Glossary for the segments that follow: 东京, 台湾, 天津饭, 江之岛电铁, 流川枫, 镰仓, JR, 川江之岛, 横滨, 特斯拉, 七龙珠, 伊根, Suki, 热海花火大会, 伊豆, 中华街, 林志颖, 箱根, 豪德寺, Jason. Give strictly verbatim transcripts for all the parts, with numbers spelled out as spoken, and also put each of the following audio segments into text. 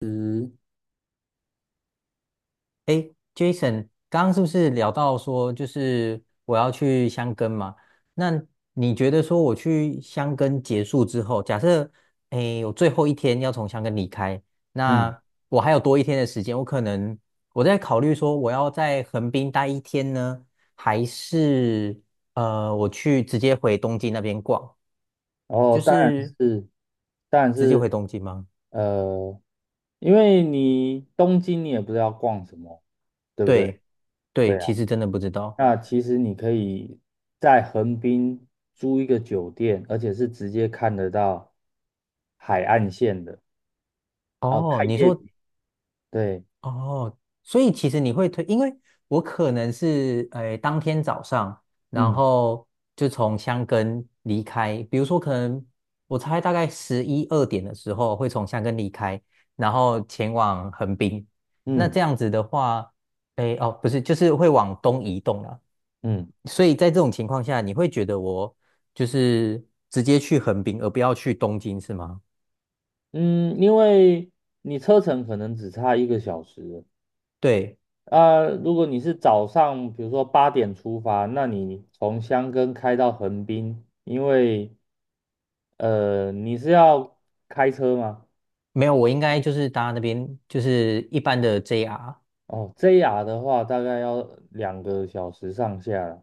嗯。哎 Jason，刚刚是不是聊到说，就是我要去箱根嘛？那你觉得说我去箱根结束之后，假设诶我最后一天要从箱根离开，嗯。那我还有多一天的时间，我可能我在考虑说，我要在横滨待一天呢，还是呃我去直接回东京那边逛，然后就当然是是，当然直接是，回东京吗？呃，因为你东京你也不知道逛什么，对不对？对对，对啊，其实真的不知道。那其实你可以在横滨租一个酒店，而且是直接看得到海岸线的，啊，哦，看你夜说景。对。哦，所以其实你会推，因为我可能是诶、呃当天早上，然嗯后就从箱根离开，比如说可能我猜大概十一二点的时候会从箱根离开，然后前往横滨。那嗯这样子的话，诶、哦不是，就是会往东移动了。嗯所以在这种情况下，你会觉得我就是直接去横滨，而不要去东京，是吗？嗯，因为你车程可能只差一个小时。对，啊，如果你是早上，比如说八点出发，那你从箱根开到横滨，因为呃你是要开车吗？没有，我应该就是搭那边就是一般的 J R，哦，J R 的话大概要两个小时上下。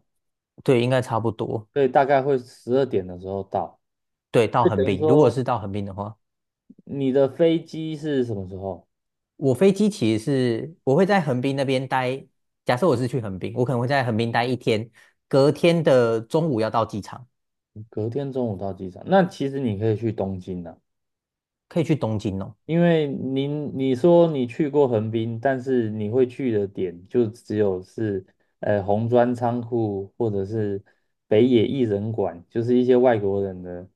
对，应该差不多。对，所以大概会十二点的时候到。对，到就横等于滨，如果是说到横滨的话，你的飞机是什么时候？我飞机其实是我会在横滨那边待。假设我是去横滨，我可能会在横滨待一天，隔天的中午要到机场，隔天中午到机场，那其实你可以去东京啊。可以去东京哦。因为您你说你去过横滨，但是你会去的点就只有是呃红砖仓库或者是北野艺人馆，就是一些外国人的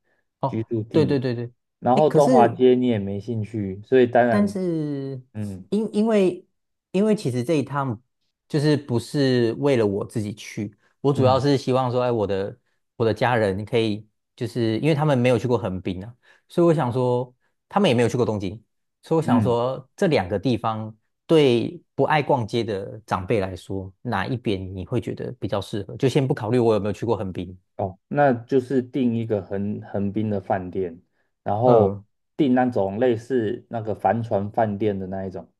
居哦，住对地。对对对，然哎，后可中华是街你也没兴趣，所以当但然，是嗯因因为因为其实这一趟就是不是为了我自己去，我主要嗯是希望说，哎，我的我的家人可以，就是因为他们没有去过横滨啊，所以我想说，他们也没有去过东京，所以我想嗯，说，这两个地方对不爱逛街的长辈来说，哪一边你会觉得比较适合？就先不考虑我有没有去过横滨，哦，那就是订一个横横滨的饭店，然后嗯，订那种类似那个帆船饭店的那一种。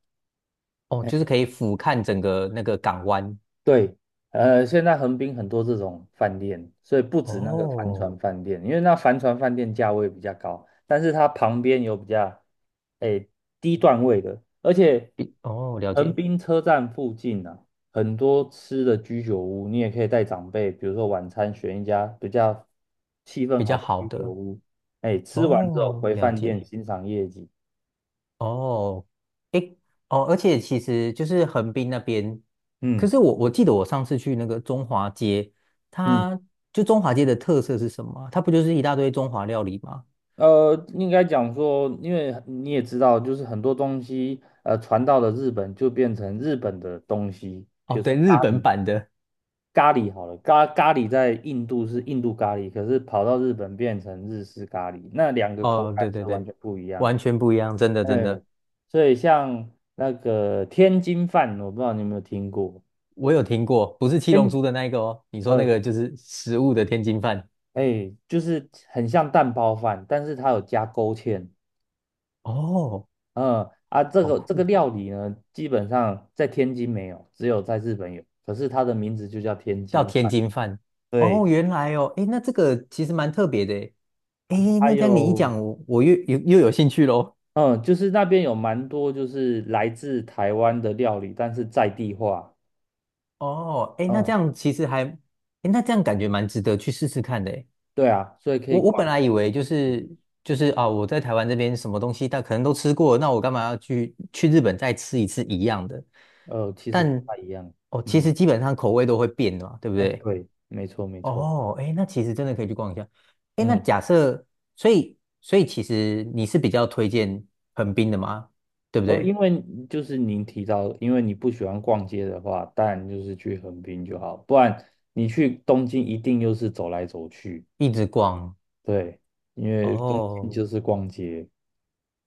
哦，就是可以俯瞰整个那个港湾，对。呃，现在横滨很多这种饭店，所以不止那个帆哦，船饭店，因为那帆船饭店价位比较高，但是它旁边有比较，诶，低段位的。而且比哦，了横解。滨车站附近啊，很多吃的居酒屋，你也可以带长辈，比如说晚餐选一家比较气氛比较好的好居酒的屋，哎，吃完之后哦，回了饭解店欣赏夜景。哦，诶哦，而且其实就是横滨那边，可嗯是我我记得我上次去那个中华街，嗯它就中华街的特色是什么啊它不就是一大堆中华料理吗？呃，应该讲说，因为你也知道，就是很多东西，呃，传到了日本就变成日本的东西，比哦，如说对，日咖本喱，版的，咖喱好了，咖咖喱在印度是印度咖喱，可是跑到日本变成日式咖喱，那两个口哦，对感是对完对，全不一样。完全不一样，真的真哎，的，所以像那个天津饭，我不知道你有没有听过。我有听过，不是七龙天，珠的那一个哦，你说那呃，个就是食物的天津饭，哎，就是很像蛋包饭，但是它有加勾芡。哦，嗯。啊，这好个这酷个哦料理呢，基本上在天津没有，只有在日本有。可是它的名字就叫天叫津天饭。津饭。对。哦，原来哦，诶，那这个其实蛮特别的诶。诶还那这样你一有，讲，我我又又又有兴趣喽。嗯，就是那边有蛮多就是来自台湾的料理，但是在地化。哦，诶，那这嗯，样其实还，诶，那这样感觉蛮值得去试试看的诶。对啊，所以可以我我逛本一来以为下。就是就是啊，我在台湾这边什么东西但可能都吃过，那我干嘛要去去日本再吃一次一样的？呃，其实不但太一样。哦，其实嗯。基本上口味都会变的嘛，对不哎，对？对，没错没错。哦，哎，那其实真的可以去逛一下。哎，那嗯。假设，所以所以其实你是比较推荐横滨的吗？对不哦，因对？为就是您提到，因为你不喜欢逛街的话，当然就是去横滨就好，不然你去东京一定又是走来走去。一直逛。对，因为东京哦就是逛街。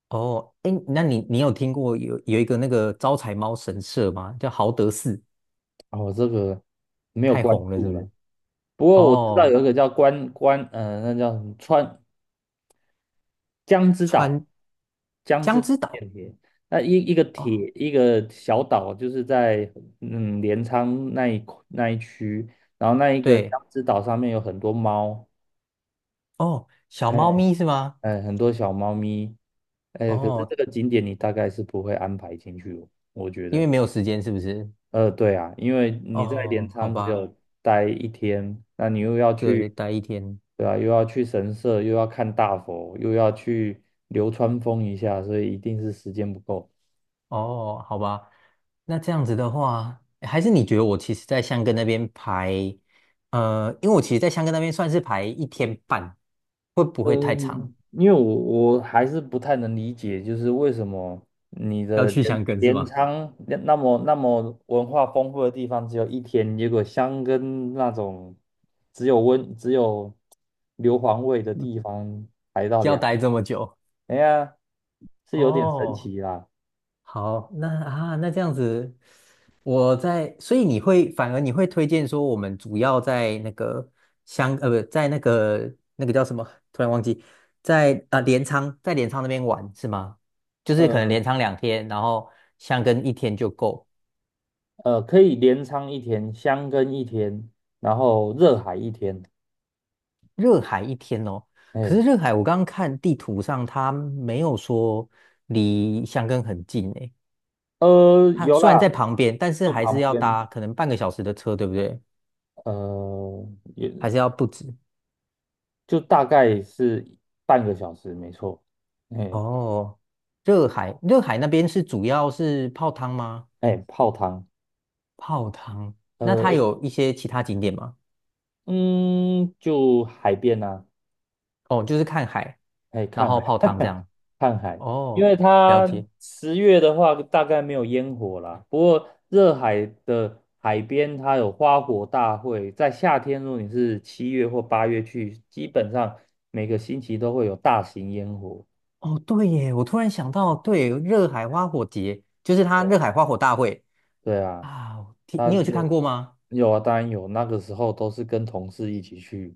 哦，哎，那你你有听过有有一个那个招财猫神社吗？叫豪德寺，哦，我这个没有太关红了是注不了，是？不过我知道哦，有一个叫关关，呃，那叫什么川江之岛，川江江之岛之岛。电铁，那一一个哦，铁一个小岛，就是在嗯镰仓那一那一区，然后那一个对，江之岛上面有很多猫。哦，小猫哎咪是吗？呃，很多小猫咪。呃，可是这哦，个景点你大概是不会安排进去，我觉因为得。没有时间是不是？呃，对啊，因为你在镰哦，好仓只吧，有待一天，那你又要对，去，待一天。对啊，又要去神社，又要看大佛，又要去流川枫一下，所以一定是时间不够。哦，好吧，那这样子的话，诶还是你觉得我其实在香根那边排，呃，因为我其实，在香根那边算是排一天半，会不会太长？嗯，因为我我还是不太能理解，就是为什么你要的去镰香根是镰吗？仓那那么那么文化丰富的地方只有一天，结果箱根那种只有温只有硫磺味的地方排到要两，待这么久？哎呀，是有点神哦，奇啦。好，那啊，那这样子，我在，所以你会反而你会推荐说，我们主要在那个香，呃，不，在那个那个叫什么？突然忘记，在啊镰仓，在镰仓那边玩是吗？就是可能呃镰仓两天，然后箱根一天就够，呃，可以镰仓一天，箱根一天，然后热海一天。热海一天哦。可哎，是热海，我刚刚看地图上，它没有说离箱根很近诶，呃，它有虽然啦，在旁边，但是就还是旁要边。搭可能半个小时的车，对不对？呃，也还是要不止。就大概是半个小时，没错。哎哦，热海，热海那边是主要是泡汤吗？哎，泡汤。泡汤，那它呃有一些其他景点吗？嗯，就海边啊，哦，就是看海，哎然看后海，泡汤这样。看海，因哦，为了它解。十月的话大概没有烟火啦，不过热海的海边它有花火大会，在夏天如果你是七月或八月去，基本上每个星期都会有大型烟火。哦，对耶，我突然想到，对，热海花火节就是它对热海花火大会对啊。啊，我听它你有去看就过吗？有啊，当然有，那个时候都是跟同事一起去。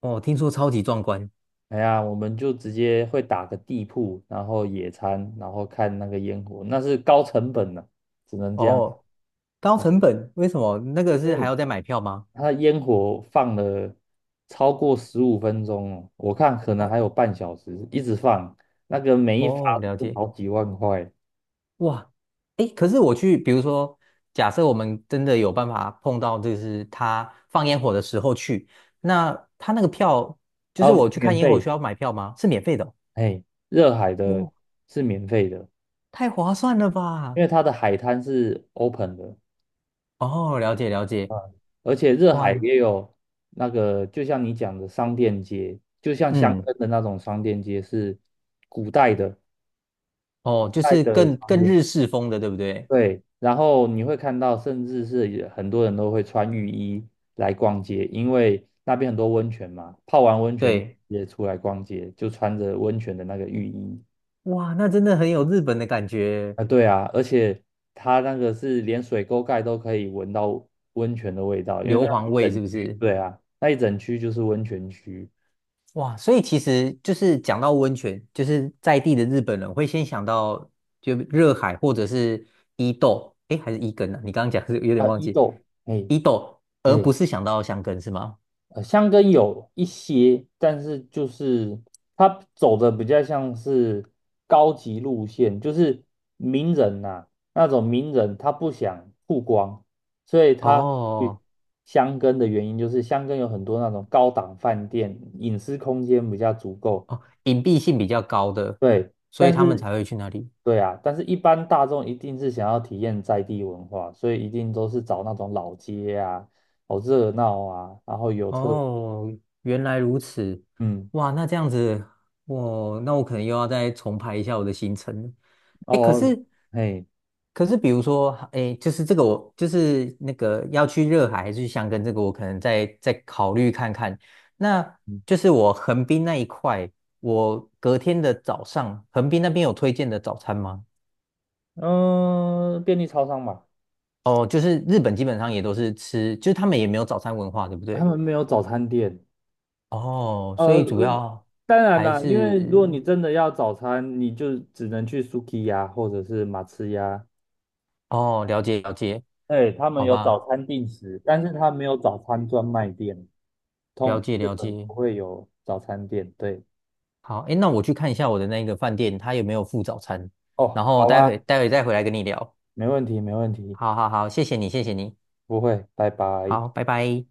哦，听说超级壮观。哎呀，我们就直接会打个地铺，然后野餐，然后看那个烟火，那是高成本的，只能这样，哦，高成本，为什么？那个因是还为要再买票吗？它烟火放了超过十五分钟哦，我看可能哦还有半小时，一直放，那个每一发哦，了都是解。好几万块。哇，诶，可是我去，比如说，假设我们真的有办法碰到，就是他放烟火的时候去，那他那个票，就然是我后去看免烟火费，需要买票吗？是免费的哦哎，热海的哇，是免费的，太划算了因吧！为它的海滩是 open 的。哦，了解了解，嗯，而且热哇，海也有那个，就像你讲的商店街，就像香嗯，根的那种商店街是古代的，哦，就代是的更商更店。日式风的，对不对？对。然后你会看到，甚至是也很多人都会穿浴衣来逛街，因为那边很多温泉嘛，泡完温泉对，也出来逛街，就穿着温泉的那个浴衣。哇，那真的很有日本的感觉，啊，对啊，而且它那个是连水沟盖都可以闻到温泉的味道，因为那硫磺一味整是不区，是？对啊，那一整区就是温泉区。哇，所以其实就是讲到温泉，就是在地的日本人会先想到就热海或者是伊豆，诶，还是伊根啊？你刚刚讲是有点啊，忘伊记豆。嘿。伊豆，而嘿。不是想到箱根是吗？呃，箱根有一些，但是就是它走的比较像是高级路线，就是名人呐、那种名人他不想曝光，所以他去哦箱根的原因就是箱根有很多那种高档饭店，隐私空间比较足够。哦，隐蔽性比较高的，对。所以但他们是才会去那里。对啊，但是一般大众一定是想要体验在地文化，所以一定都是找那种老街啊，好热闹啊，然后有特，哦，原来如此，嗯。哇，那这样子，我那我可能又要再重排一下我的行程了。哎，可哦。是嘿。可是比如说，哎，就是这个我就是那个要去热海还是去箱根，这个我可能再再考虑看看。那嗯。就是我横滨那一块，我隔天的早上，横滨那边有推荐的早餐吗？呃，便利超商嘛，哦，就是日本基本上也都是吃，就是他们也没有早餐文化，对不他对？们没有早餐店。哦，所呃，以主要当然还啦，因为如果你是真的要早餐，你就只能去 Suki 呀，或者是马吃呀，哦，了解了解，对，他们好有吧，早餐定时，但是他没有早餐专卖店，了通解日了本解。不会有早餐店。对。好，哎，那我去看一下我的那个饭店，他有没有附早餐，哦，然后好待会啊。待会再回来跟你聊。没问题，没问题。好好好，谢谢你，谢谢你，不会，拜拜。好，拜拜。